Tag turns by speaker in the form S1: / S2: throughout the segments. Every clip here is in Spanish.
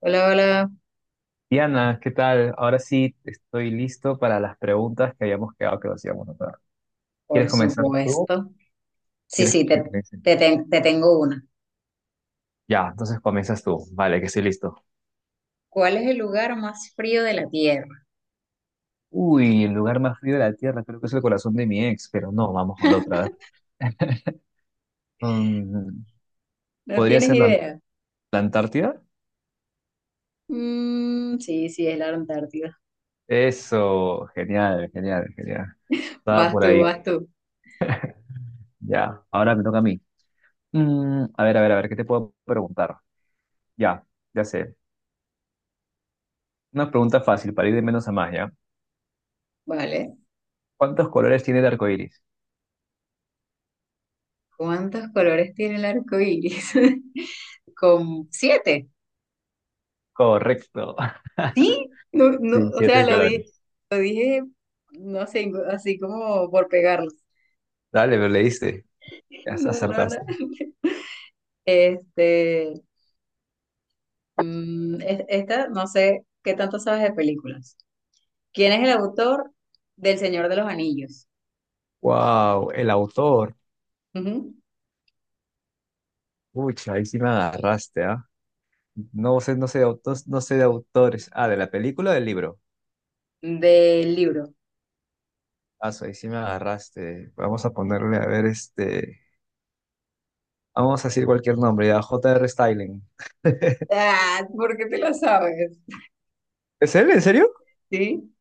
S1: Hola, hola,
S2: Diana, ¿qué tal? Ahora sí estoy listo para las preguntas que habíamos quedado que nos íbamos a hacer. ¿Quieres
S1: por
S2: comenzar tú?
S1: supuesto. Sí,
S2: ¿Quieres
S1: sí,
S2: que
S1: te,
S2: comience?
S1: te tengo una.
S2: Ya, entonces comienzas tú. Vale, que estoy listo.
S1: ¿Cuál es el lugar más frío de la Tierra?
S2: Uy, el lugar más frío de la Tierra creo que es el corazón de mi ex, pero no, vamos con la otra. Mm,
S1: ¿No
S2: ¿podría
S1: tienes
S2: ser
S1: idea?
S2: la Antártida?
S1: Sí, es la Antártida.
S2: Eso, genial, genial, genial. Estaba
S1: Vas
S2: por
S1: tú,
S2: ahí.
S1: vas tú.
S2: Ya, ahora me toca a mí. A ver, a ver, a ver, ¿qué te puedo preguntar? Ya, ya sé. Una pregunta fácil para ir de menos a más, ¿ya?
S1: Vale.
S2: ¿Cuántos colores tiene el arco iris?
S1: ¿Cuántos colores tiene el arco iris? Con siete.
S2: Correcto.
S1: Sí, no, no,
S2: Sí,
S1: o sea,
S2: siete colores.
S1: lo dije, no sé, así como por pegarlos.
S2: Dale, pero leíste. Ya
S1: No, no, no.
S2: acertaste.
S1: Este, Esta, no sé qué tanto sabes de películas. ¿Quién es el autor del Señor de los Anillos?
S2: Wow, el autor.
S1: Ujú.
S2: Pucha, ahí sí me agarraste, ¿ah? No sé, no sé de autos, no sé de autores. Ah, de la película o del libro.
S1: Del libro.
S2: Ah, so, ahí sí me agarraste. Vamos a ponerle, a ver, este. Vamos a decir cualquier nombre, ya. J. R. Styling.
S1: Ah, ¿por qué te lo sabes?
S2: ¿Es él? ¿En serio?
S1: Sí,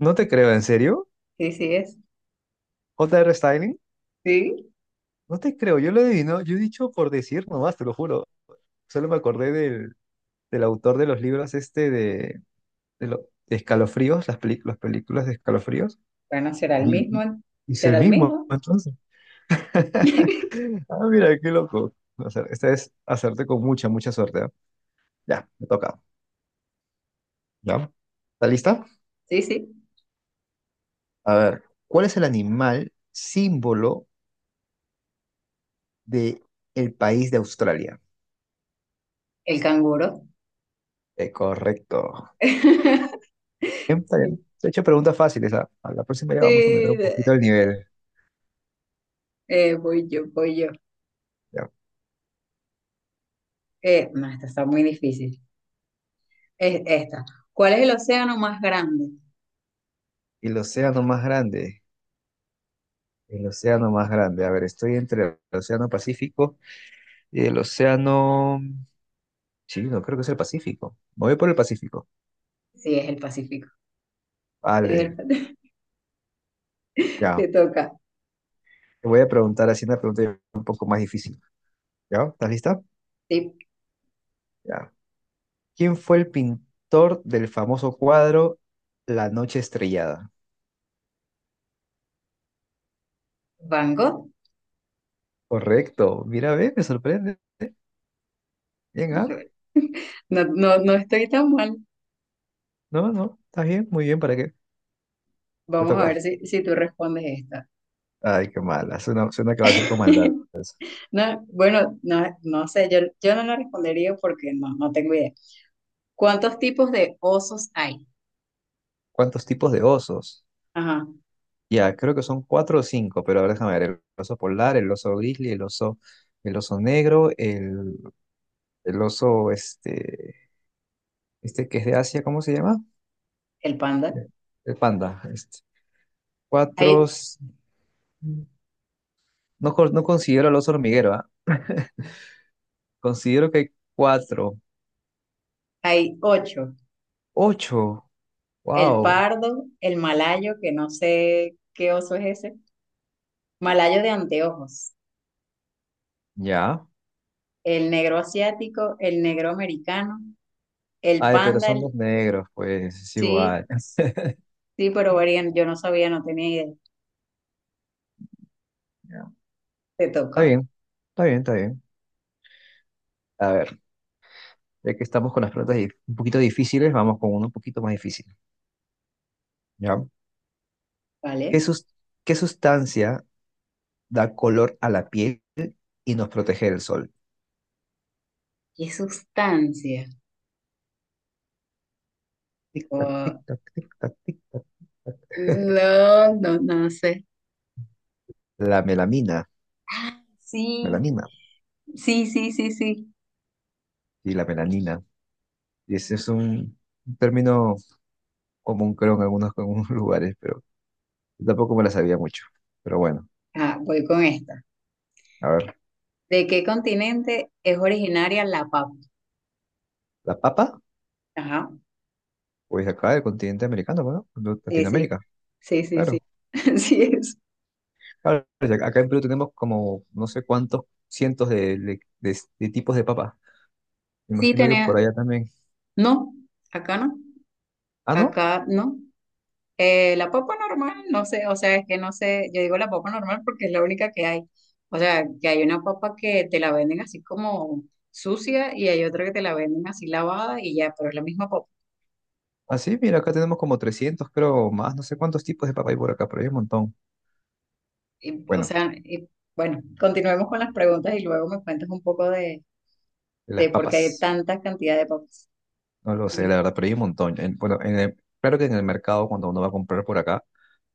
S2: No te creo, ¿en serio?
S1: sí es.
S2: ¿J. R. Styling?
S1: Sí.
S2: No te creo, yo lo adivino, yo he dicho por decir nomás, te lo juro. Solo me acordé del autor de los libros este de Escalofríos, las películas de Escalofríos.
S1: Bueno, será el
S2: Y,
S1: mismo.
S2: y es el
S1: Será el
S2: mismo,
S1: mismo.
S2: entonces. Ah, mira, qué loco. O sea, esta es hacerte con mucha, mucha suerte, ¿ah? Ya, me toca. ¿Ya? ¿Está lista?
S1: Sí, sí.
S2: A ver, ¿cuál es el animal símbolo de el país de Australia?
S1: El canguro.
S2: Correcto. Bien, está bien. Se he hecho preguntas fáciles, ¿ah? A la próxima ya
S1: Sí,
S2: vamos a meter un
S1: de-
S2: poquito el nivel.
S1: voy yo.
S2: ¿Ya?
S1: No, esta está muy difícil. Es esta. ¿Cuál es el océano más grande?
S2: El océano más grande. El océano más grande. A ver, estoy entre el océano Pacífico y el océano Chino, creo que es el Pacífico. Me voy por el Pacífico.
S1: Sí, es el Pacífico. Es
S2: Vale,
S1: el-
S2: ya.
S1: Te toca.
S2: Te voy a preguntar así una pregunta un poco más difícil. ¿Ya? ¿Estás lista?
S1: Sí,
S2: Ya. ¿Quién fue el pintor del famoso cuadro La Noche Estrellada?
S1: Van Gogh.
S2: Correcto. Mira, ve, me sorprende. Bien, ¿ah?
S1: No, no, no estoy tan mal.
S2: No, no, está bien, muy bien, ¿para qué? Te
S1: Vamos a
S2: toca.
S1: ver si tú respondes esta.
S2: Ay, qué mala. Suena, suena que va a ser con maldad. Eso.
S1: No, bueno, no, no sé, yo no la respondería porque no, no tengo idea. ¿Cuántos tipos de osos hay?
S2: ¿Cuántos tipos de osos?
S1: Ajá,
S2: Ya, creo que son cuatro o cinco, pero a ver, déjame ver. El oso polar, el oso grizzly, el oso negro, el oso este, este que es de Asia, ¿cómo se llama?
S1: el panda.
S2: Eh, El panda. Este.
S1: Hay,
S2: Cuatro. No, no considero al oso hormiguero, ¿ah? Considero que hay cuatro.
S1: hay ocho.
S2: Ocho.
S1: El
S2: Wow.
S1: pardo, el malayo, que no sé qué oso es ese. Malayo de anteojos.
S2: Ya.
S1: El negro asiático, el negro americano, el
S2: Ay, pero
S1: panda,
S2: son dos
S1: el-
S2: negros, pues es igual.
S1: Sí, sí, pero varían, yo no sabía, no tenía idea.
S2: Ya.
S1: Te
S2: Está
S1: toca,
S2: bien, está bien, está bien. A ver, ya que estamos con las un poquito difíciles, vamos con uno un poquito más difícil. ¿Ya? ¿Qué,
S1: ¿vale?
S2: sus- ¿qué sustancia da color a la piel y nos protege del sol?
S1: ¿Qué sustancia?
S2: Tic, tac,
S1: Oh,
S2: tic, tac, tic, tac, tic.
S1: no, no, no sé.
S2: La melamina,
S1: Ah, sí,
S2: melanina
S1: sí, sí, sí, sí.
S2: y la melanina. Y ese es un término común, creo, en algunos lugares, pero yo tampoco me la sabía mucho. Pero bueno,
S1: Ah, voy con esta.
S2: a ver,
S1: ¿De qué continente es originaria la papa?
S2: ¿la papa?
S1: Ajá,
S2: Pues acá del continente americano, bueno, de
S1: sí, sí,
S2: Latinoamérica,
S1: sí, sí, sí.
S2: claro.
S1: Así es.
S2: Claro, ya. Acá en Perú tenemos como no sé cuántos cientos de tipos de papa. Me
S1: Sí,
S2: imagino que por
S1: tenía.
S2: allá también.
S1: No, acá no,
S2: Ah, ¿no?
S1: acá no. La papa normal, no sé, o sea, es que no sé, yo digo la papa normal porque es la única que hay. O sea, que hay una papa que te la venden así como sucia y hay otra que te la venden así lavada y ya, pero es la misma papa.
S2: Así, mira, acá tenemos como 300, creo, más, no sé cuántos tipos de papa hay por acá, pero hay un montón.
S1: Y, o
S2: Bueno,
S1: sea, y, bueno, continuemos con las preguntas y luego me cuentas un poco
S2: de
S1: de
S2: las
S1: por qué hay
S2: papas,
S1: tanta cantidad de papas.
S2: no lo sé, la
S1: Sí,
S2: verdad, pero hay un montón. Bueno, claro que en el mercado, cuando uno va a comprar por acá,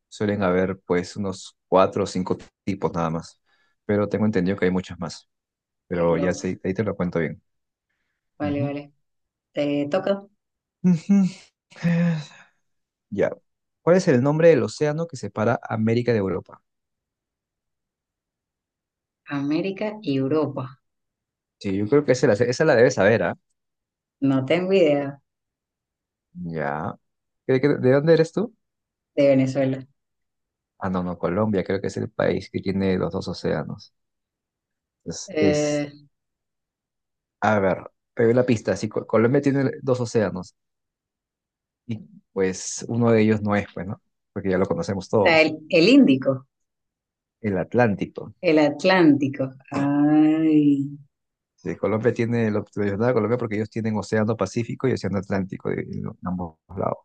S2: suelen haber pues unos cuatro o cinco tipos nada más, pero tengo entendido que hay muchas más,
S1: qué
S2: pero ya
S1: loco.
S2: sí, ahí te lo cuento bien.
S1: Vale,
S2: Ujú.
S1: vale. Te toca.
S2: Ujú. Eh, Ya. ¿Cuál es el nombre del océano que separa América de Europa?
S1: América y Europa.
S2: Sí, yo creo que esa la debes saber, ¿ah?
S1: No tengo idea.
S2: Ya. ¿De dónde eres tú?
S1: De Venezuela.
S2: Ah, no, no, Colombia creo que es el país que tiene los dos océanos. Es, es,
S1: Eh,
S2: a ver, pero la pista, sí, Colombia tiene dos océanos y pues uno de ellos no es, pues, ¿no? Porque ya lo conocemos
S1: o sea,
S2: todos,
S1: el Índico,
S2: el Atlántico.
S1: el Atlántico. Ay,
S2: Sí, Colombia tiene, lo tradicional de Colombia porque ellos tienen océano Pacífico y océano Atlántico ambos lados.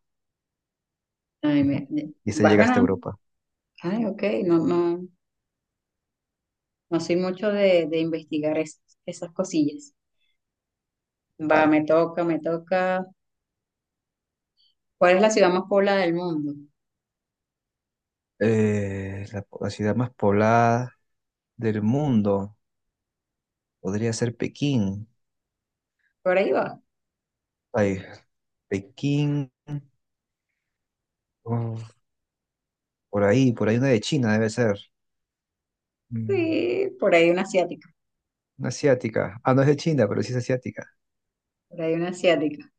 S1: ay,
S2: Ujú.
S1: me-
S2: Y se
S1: vas
S2: llega hasta
S1: ganando.
S2: Europa.
S1: Ay, ok, no, no, no soy mucho de investigar esas cosillas. Va,
S2: Vale.
S1: me toca, me toca. ¿Cuál es la ciudad más poblada del mundo?
S2: La ciudad más poblada del mundo podría ser Pekín.
S1: Por ahí va.
S2: Ay, Pekín. Oh, por ahí, por ahí una de China debe ser. Mm,
S1: Sí, por ahí una asiática,
S2: Una asiática. Ah, no es de China, pero sí es asiática.
S1: por ahí una asiática.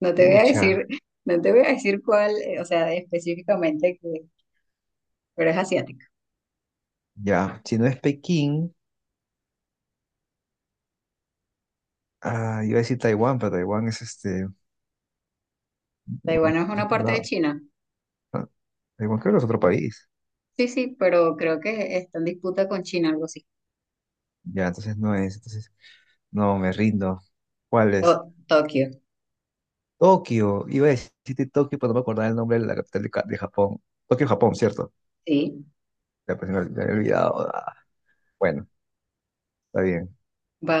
S1: No te voy a
S2: Ucha,
S1: decir, no te voy a decir cuál, o sea, específicamente, que, pero es asiática.
S2: ya. Si no es Pekín, ah, iba a decir Taiwán, pero Taiwán es este,
S1: Taiwán es
S2: es otro
S1: una parte de
S2: lado.
S1: China.
S2: Ah, Taiwán creo que es otro país.
S1: Sí, sí, pero creo que está en disputa con China, algo así.
S2: Ya, entonces no es. Entonces, no, me rindo. ¿Cuál es?
S1: Tokio,
S2: Tokio. Iba a decirte Tokio, pero no me acordaba el nombre de la capital de Japón. Tokio, Japón, ¿cierto?
S1: sí.
S2: Ya, pues me había olvidado. Ah, bueno, está bien.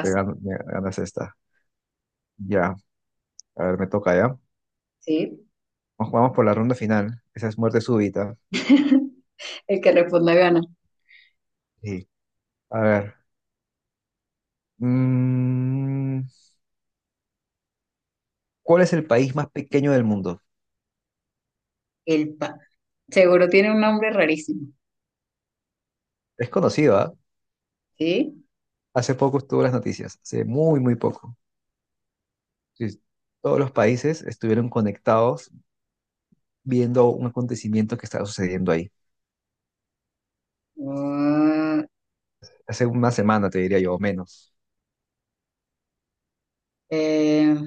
S2: Me ganas esta. Ya. A ver, me toca ya.
S1: sí.
S2: Nos jugamos por la ronda final. Esa es muerte súbita.
S1: El que responda gana.
S2: Sí. A ver. mm, ¿Cuál es el país más pequeño del mundo?
S1: El pa. Seguro tiene un nombre rarísimo,
S2: Es conocido, ¿ah?
S1: ¿sí?
S2: Hace poco estuvo en las noticias. Hace muy, muy poco. Sí. Todos los países estuvieron conectados viendo un acontecimiento que estaba sucediendo ahí.
S1: Ah,
S2: Hace una semana, te diría yo, o menos.
S1: o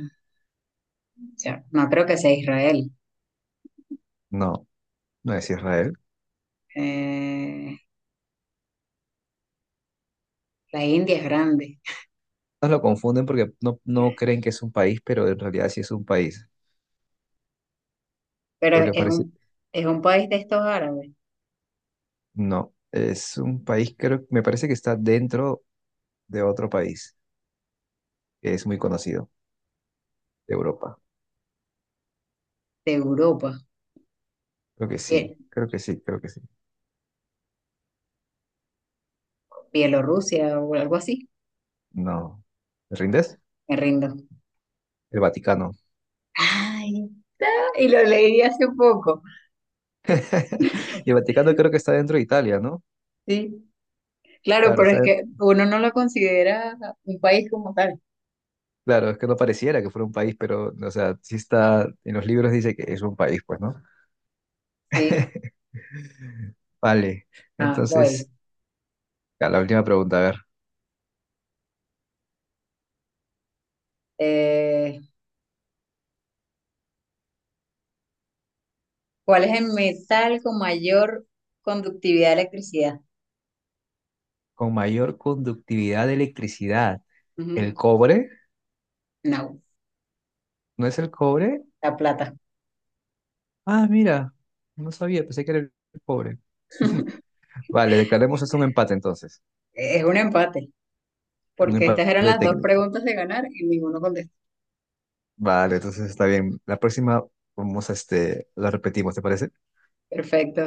S1: sea, no creo que sea Israel.
S2: No, no es Israel.
S1: Eh, la India es grande.
S2: Nos lo confunden porque no, no creen que es un país, pero en realidad sí es un país.
S1: Pero
S2: Porque parece...
S1: es un país de estos árabes,
S2: No, es un país, creo, me parece que está dentro de otro país que es muy conocido de Europa.
S1: de Europa,
S2: Creo que sí,
S1: Bie-
S2: creo que sí, creo que sí.
S1: Bielorrusia o algo así,
S2: No. ¿Me rindes?
S1: me rindo.
S2: El Vaticano.
S1: Ay, y lo leí hace poco,
S2: Y el Vaticano creo que está dentro de Italia, ¿no?
S1: sí. Claro,
S2: Claro,
S1: pero
S2: está,
S1: es que uno no lo considera un país como tal,
S2: claro, es que no pareciera que fuera un país, pero, o sea, sí está, en los libros dice que es un país, pues, ¿no?
S1: sí.
S2: Vale,
S1: Ah, voy.
S2: entonces, ya, la última pregunta, a ver.
S1: Eh, ¿Cuál es el metal con mayor conductividad de electricidad?
S2: Con mayor conductividad de electricidad, ¿el
S1: Ujú.
S2: cobre?
S1: No,
S2: ¿No es el cobre?
S1: la plata.
S2: Ah, mira, no sabía, pensé que era el cobre. Vale, declaremos eso un empate entonces.
S1: Es un empate,
S2: Un
S1: porque estas eran
S2: empate
S1: las dos
S2: técnico.
S1: preguntas de ganar y ninguno contestó.
S2: Vale, entonces está bien. La próxima vamos a este, la repetimos, ¿te parece?
S1: Perfecto.